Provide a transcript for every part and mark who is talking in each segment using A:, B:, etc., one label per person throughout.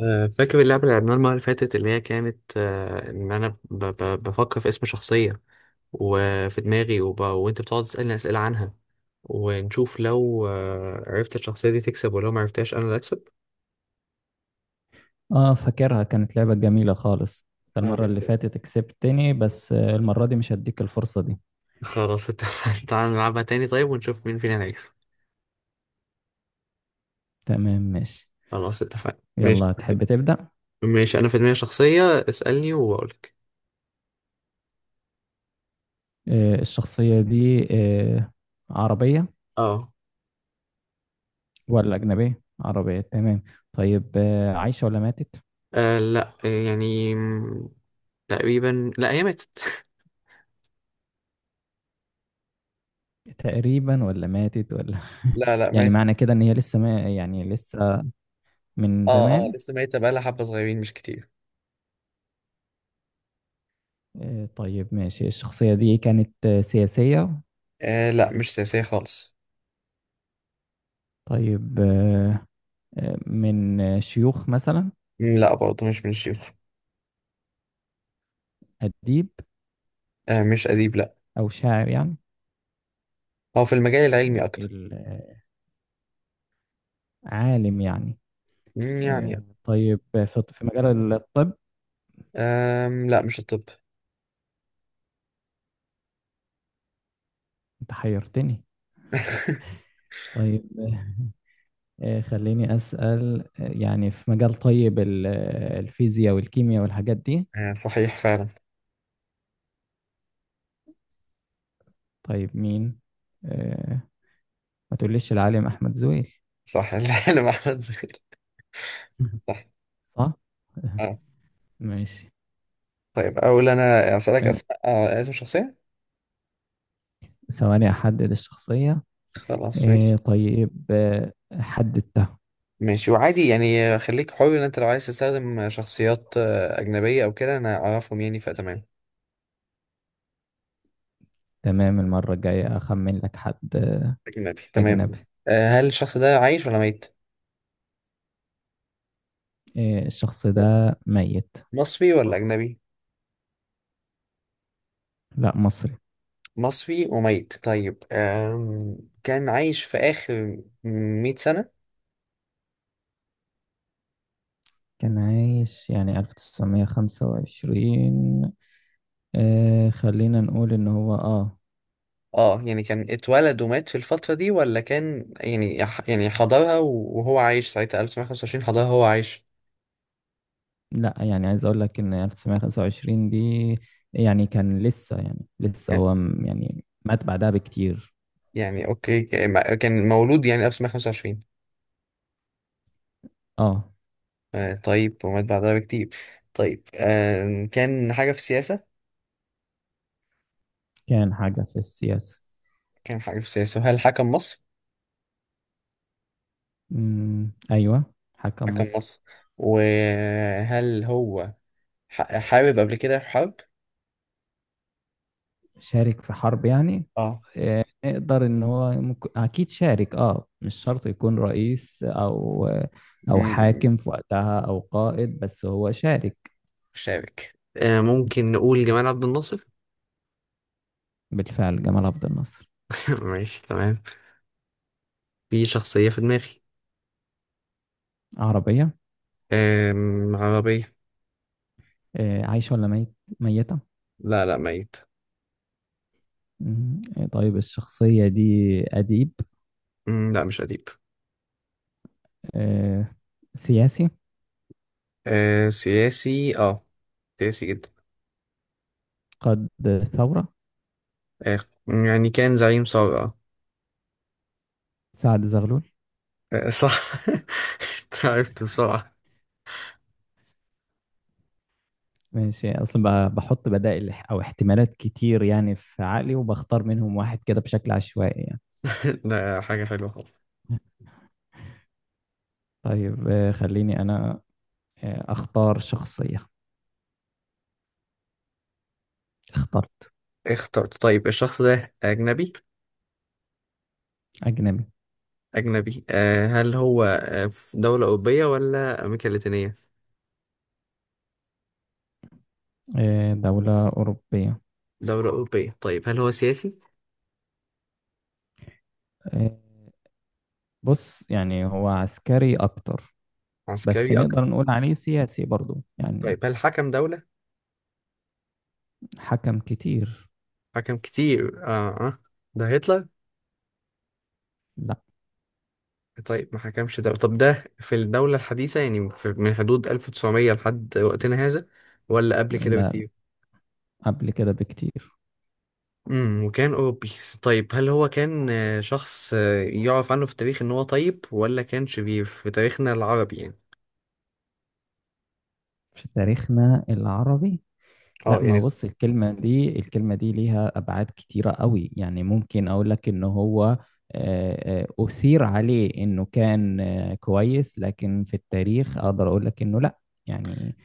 A: فاكر اللعبة اللي لعبناها المرة اللي فاتت اللي هي كانت إن أنا بفكر في اسم شخصية وفي دماغي وأنت بتقعد تسألني أسئلة عنها، ونشوف لو عرفت الشخصية دي تكسب، ولو ما عرفتهاش أنا اللي أكسب.
B: اه فاكرها كانت لعبة جميلة خالص. أنت
A: آه،
B: المرة اللي فاتت كسبتني، بس المرة دي مش هديك الفرصة دي.
A: خلاص اتفقنا. تعالى نلعبها تاني، طيب، ونشوف مين فينا اللي هيكسب.
B: تمام ماشي.
A: خلاص اتفقنا ماشي.
B: يلا تحب تبدأ؟
A: ماشي، أنا في دماغي شخصية. اسألني وأقولك.
B: الشخصية دي عربية
A: أه.
B: ولا أجنبية؟ عربية تمام. طيب، عايشة ولا ماتت؟
A: لأ، يعني تقريبا لأ، هي ماتت.
B: تقريبا ولا ماتت ولا؟
A: لا، لا،
B: يعني
A: مات.
B: معنى كده إن هي لسه، ما يعني لسه من
A: اه، اه،
B: زمان.
A: لسه ميتة بقالها حبة صغيرين مش كتير.
B: طيب ماشي. الشخصية دي كانت سياسية؟
A: آه لا، مش سياسية خالص.
B: طيب آه، آه، من آه، شيوخ مثلا؟
A: لا، برضه مش من الشيوخ.
B: أديب
A: آه مش أديب، لا.
B: أو شاعر يعني؟
A: هو في المجال العلمي أكتر.
B: ال- عالم يعني؟
A: يعني.
B: طيب في مجال الطب؟
A: لا، مش الطب.
B: أنت حيرتني. طيب خليني أسأل، يعني في مجال، طيب الفيزياء والكيمياء والحاجات دي؟
A: آه صحيح فعلا.
B: طيب مين؟ آه، ما تقوليش العالم أحمد زويل؟
A: صح. العلم أحمد زغير. صح.
B: صح؟
A: آه
B: ماشي.
A: طيب، أقول أنا أسألك
B: آه،
A: أسماء، اسم شخصية.
B: ثواني أحدد الشخصية.
A: خلاص ماشي.
B: طيب حددتها.
A: ماشي، وعادي يعني، خليك حر، إن أنت لو عايز تستخدم شخصيات أجنبية أو كده أنا أعرفهم يعني، فتمام.
B: تمام، المرة الجاية أخمن لك حد
A: أجنبي تمام.
B: أجنبي.
A: هل الشخص ده عايش ولا ميت؟
B: إيه، الشخص ده ميت.
A: مصري ولا أجنبي؟
B: لا مصري.
A: مصري وميت. طيب، كان عايش في آخر 100 سنة؟
B: كان عايش يعني 1925. آه خلينا نقول ان هو اه،
A: اه، يعني كان اتولد ومات في الفترة دي ولا كان يعني، يعني حضرها وهو عايش ساعتها 1925، حضرها وهو عايش.
B: لا يعني عايز اقول لك ان 1925 دي يعني كان لسه، يعني لسه
A: آه،
B: هو يعني مات بعدها بكتير.
A: يعني اوكي، كان مولود يعني 1925.
B: اه
A: آه طيب، ومات بعدها بكتير. طيب كان حاجة في السياسة.
B: كان حاجة في السياسة.
A: كان حاجة في السياسة، هل حكم مصر؟
B: مم، ايوه حكم
A: حكم
B: مصر.
A: مصر. وهل هو حارب قبل كده في حرب؟
B: شارك في حرب يعني؟ نقدر ان هو ممكن، اكيد شارك. اه مش شرط يكون رئيس او او
A: اه،
B: حاكم في وقتها او قائد، بس هو شارك.
A: شابك. ممكن نقول جمال عبد الناصر.
B: بالفعل جمال عبد الناصر.
A: ماشي تمام. في شخصية في دماغي.
B: عربية.
A: عربية.
B: عايشة ولا ميت؟ ميتة.
A: لا، لا، ميت.
B: مم. طيب الشخصية دي أديب؟
A: لا مش أديب.
B: آه، سياسي.
A: آه سياسي، اه، سياسي جدا.
B: قاد ثورة.
A: آه، يعني كان زعيم ثورة.
B: سعد زغلول.
A: آه. آه، صح. أنت عرفت بسرعة.
B: ماشي، اصلا بحط بدائل او احتمالات كتير يعني في عقلي، وبختار منهم واحد كده بشكل عشوائي يعني.
A: ده حاجة حلوة خالص.
B: طيب خليني أنا أختار شخصية. اخترت.
A: اخترت طيب، الشخص ده أجنبي.
B: أجنبي.
A: أجنبي. هل هو في دولة أوروبية ولا أمريكا اللاتينية؟
B: دولة أوروبية.
A: دولة أوروبية. طيب، هل هو سياسي؟
B: آه، بص يعني هو عسكري أكتر، بس
A: عسكري
B: نقدر
A: أكتر.
B: نقول عليه سياسي برضو يعني.
A: طيب هل حكم دولة؟
B: حكم كتير.
A: حكم كتير. اه، اه، ده هتلر؟
B: لا.
A: طيب، ما حكمش دولة. طب ده في الدولة الحديثة يعني، في من حدود 1900 لحد وقتنا هذا، ولا قبل كده
B: لا
A: بكتير؟
B: قبل كده بكتير.
A: وكان أوروبي. طيب، هل هو كان شخص يعرف عنه في التاريخ إن هو طيب، ولا كان شرير في تاريخنا العربي يعني؟
B: في تاريخنا العربي. لا،
A: اه
B: ما
A: يعني.
B: بص، الكلمة دي، الكلمة دي ليها أبعاد كتيرة قوي يعني. ممكن أقول لك إن هو أثير عليه إنه كان كويس، لكن في التاريخ أقدر أقول لك إنه لا يعني.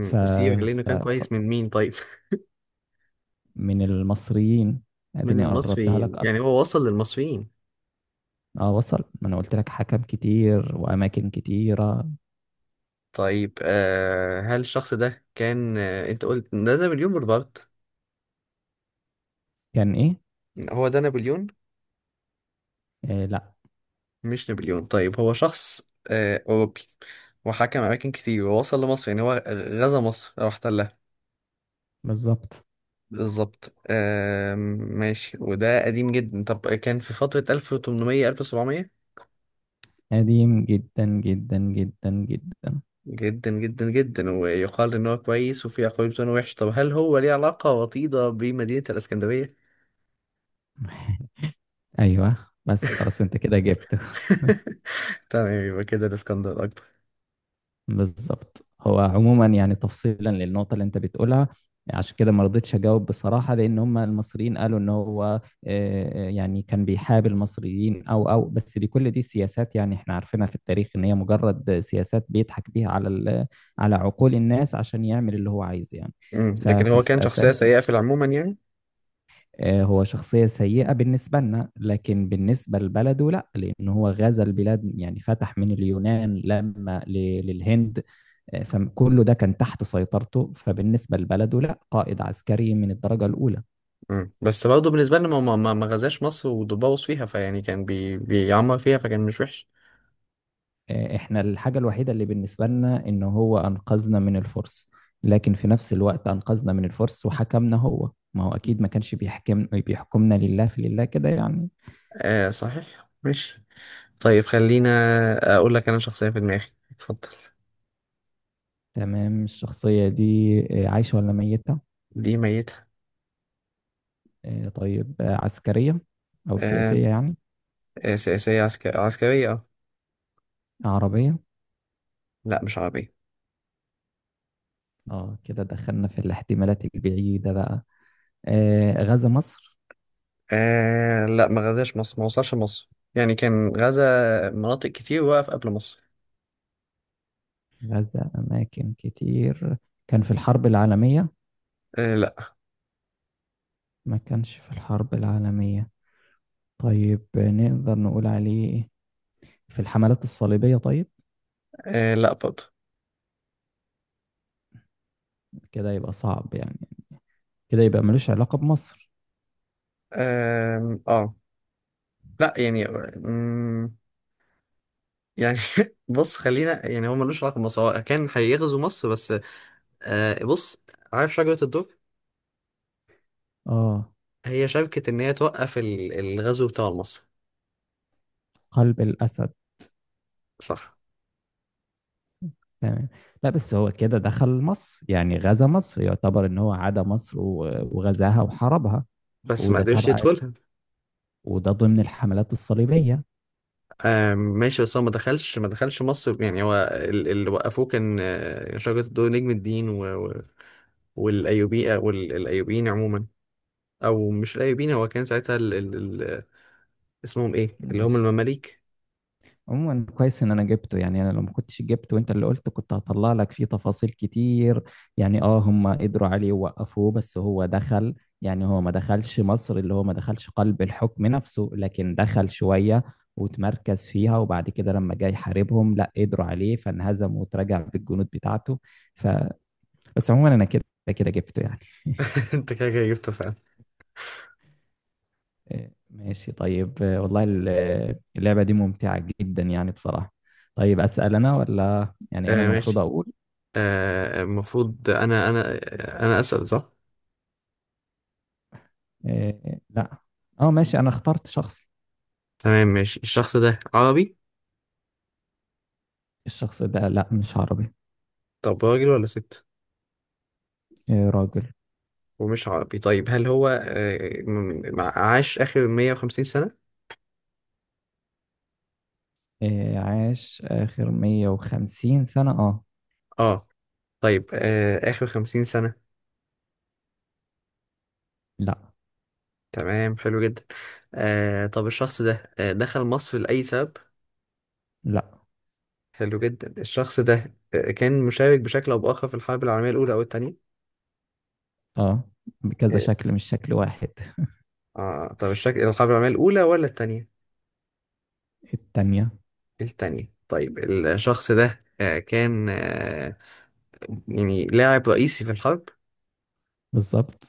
B: ف...
A: أثير لأنه
B: ف...
A: كان
B: ف...
A: كويس، من مين طيب؟
B: من المصريين.
A: من
B: أديني قربتها لك
A: المصريين، يعني
B: أكتر.
A: هو وصل للمصريين.
B: أه وصل، ما أنا قلت لك حكم كتير وأماكن كتيرة.
A: طيب، هل الشخص ده كان، انت قلت ده نابليون بونابرت.
B: كان إيه؟
A: هو ده نابليون؟
B: آه لا.
A: مش نابليون. طيب هو شخص أوروبي وحكم أماكن كتير ووصل لمصر، يعني هو غزا مصر أو احتلها.
B: بالظبط.
A: بالظبط. ماشي. وده قديم جدا، طب كان في فترة 1800 1700؟
B: قديم جدا جدا جدا جدا.
A: جدا جدا جدا. ويقال إن هو كويس، وفي أقوال بتقول إنه وحش، طب هل هو ليه علاقة وطيدة بمدينة الإسكندرية؟
B: أيوه، بس خلاص أنت كده جبته.
A: تمام، يبقى كده الإسكندر الأكبر.
B: بالظبط. هو عموما يعني تفصيلا للنقطة اللي انت بتقولها، عشان كده ما رضيتش اجاوب بصراحة. لان هم المصريين قالوا ان هو يعني كان بيحاب المصريين او بس دي، كل دي سياسات يعني. احنا عارفينها في التاريخ ان هي مجرد سياسات بيضحك بيها على على عقول الناس عشان يعمل اللي هو عايزه يعني.
A: لكن هو كان
B: ففي
A: شخصية
B: اساس
A: سيئة في العموم يعني.
B: هو شخصية سيئة بالنسبة لنا، لكن بالنسبة لبلده لا، لأنه هو غزا البلاد. يعني فتح من اليونان لما للهند. فكله ده كان تحت سيطرته، فبالنسبة لبلده لا، قائد عسكري من الدرجة الأولى.
A: بس برضه بالنسبة لنا ما غزاش مصر وبوظ فيها، فيعني كان بيعمر فيها، فكان مش وحش.
B: احنا الحاجة الوحيدة اللي بالنسبة لنا إن هو أنقذنا من الفرس، لكن في نفس الوقت أنقذنا من الفرس وحكمنا. هو ما هو أكيد ما كانش بيحكمنا لله في لله كده يعني.
A: آه صحيح ماشي. طيب خلينا، أقول لك أنا شخصية في دماغي. اتفضل.
B: تمام. الشخصية دي عايشة ولا ميتة؟
A: دي ميتة.
B: طيب عسكرية أو
A: آه،
B: سياسية يعني؟
A: آه، سياسية عسكرية، عسكرية اه.
B: عربية.
A: لا مش عربية.
B: اه كده دخلنا في الاحتمالات البعيدة بقى. غزا مصر؟
A: لا، ما غزاش مصر، ما وصلش مصر. يعني كان غزا مناطق كتير، وقف قبل مصر.
B: غزا أماكن كتير. كان في الحرب العالمية؟
A: لا.
B: ما كانش في الحرب العالمية. طيب نقدر نقول عليه في الحملات الصليبية، طيب؟
A: لا برضه.
B: كده يبقى صعب يعني. كده يبقى ملوش علاقة بمصر.
A: آه، آه. لا يعني، يعني بص، خلينا، يعني هو ملوش علاقه بمصر، هو كان هيغزو مصر بس. بص، عارف شجره الدر؟
B: اه.
A: هي شبكه ان هي توقف الغزو بتاع مصر.
B: قلب الأسد.
A: صح.
B: تمام. لا بس هو كده دخل مصر يعني غزا مصر، يعتبر ان هو عدا مصر وغزاها وحاربها،
A: بس ما
B: وده
A: قدرش
B: طبعا
A: يدخلها.
B: وده ضمن الحملات الصليبية.
A: آه ماشي، بس هو ما دخلش ما دخلش مصر. يعني هو اللي وقفوه كان شجره الدر، نجم الدين والايوبي، والايوبيين عموما. او مش الايوبيين، هو كان ساعتها اسمهم ايه؟ اللي هم
B: ماشي.
A: المماليك.
B: عموما كويس ان انا جبته، يعني انا لو ما كنتش جبته وانت اللي قلت كنت هطلع لك فيه تفاصيل كتير. يعني اه هم قدروا عليه ووقفوه، بس هو دخل. يعني هو ما دخلش مصر، اللي هو ما دخلش قلب الحكم نفسه، لكن دخل شوية وتمركز فيها، وبعد كده لما جاي يحاربهم لا قدروا عليه فانهزم وتراجع بالجنود بتاعته. ف، بس عموما انا كده كده جبته يعني.
A: انت كده كده جبته فعلا.
B: ماشي. طيب والله اللعبة دي ممتعة جدا يعني بصراحة. طيب أسأل أنا ولا يعني أنا
A: آه
B: المفروض
A: ماشي،
B: أقول
A: المفروض انا اسال، صح.
B: إيه؟ لا أه ماشي، أنا اخترت شخص.
A: تمام ماشي، الشخص ده عربي؟
B: الشخص ده لا، مش عربي.
A: طب راجل ولا ست؟
B: إيه راجل.
A: ومش عربي، طيب هل هو عاش اخر 150 سنة؟
B: إيه عاش آخر 150 سنة أه.
A: اه. طيب اخر 50 سنة.
B: لا.
A: تمام، حلو جدا. طب الشخص ده دخل مصر لأي سبب؟
B: لا.
A: حلو جدا. الشخص ده كان مشارك بشكل او باخر في الحرب العالمية الاولى او الثانية؟
B: أه بكذا
A: اه.
B: شكل، مش شكل واحد.
A: طب الشكل، الحرب العالمية الاولى ولا الثانية؟
B: التانية.
A: التانية. طيب الشخص ده كان يعني لاعب رئيسي في الحرب.
B: بالظبط.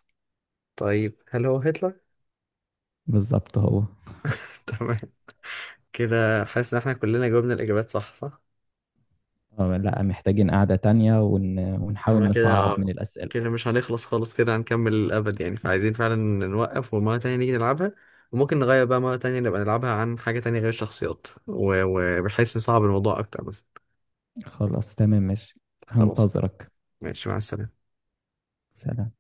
A: طيب هل هو هتلر؟
B: بالظبط هو.
A: تمام. كده حاسس ان احنا كلنا جاوبنا الاجابات صح صح.
B: أه لا، محتاجين قعدة تانية
A: احنا
B: ونحاول
A: كده،
B: نصعب من الأسئلة.
A: كده مش هنخلص خالص، كده هنكمل الابد يعني، فعايزين فعلا نوقف، ومرة تانية نيجي نلعبها. وممكن نغير بقى مرة تانية، نبقى نلعبها عن حاجة تانية غير الشخصيات وبحيث نصعب الموضوع اكتر بس.
B: خلاص تمام ماشي.
A: خلاص.
B: هنتظرك.
A: ماشي مع السلامة.
B: سلام.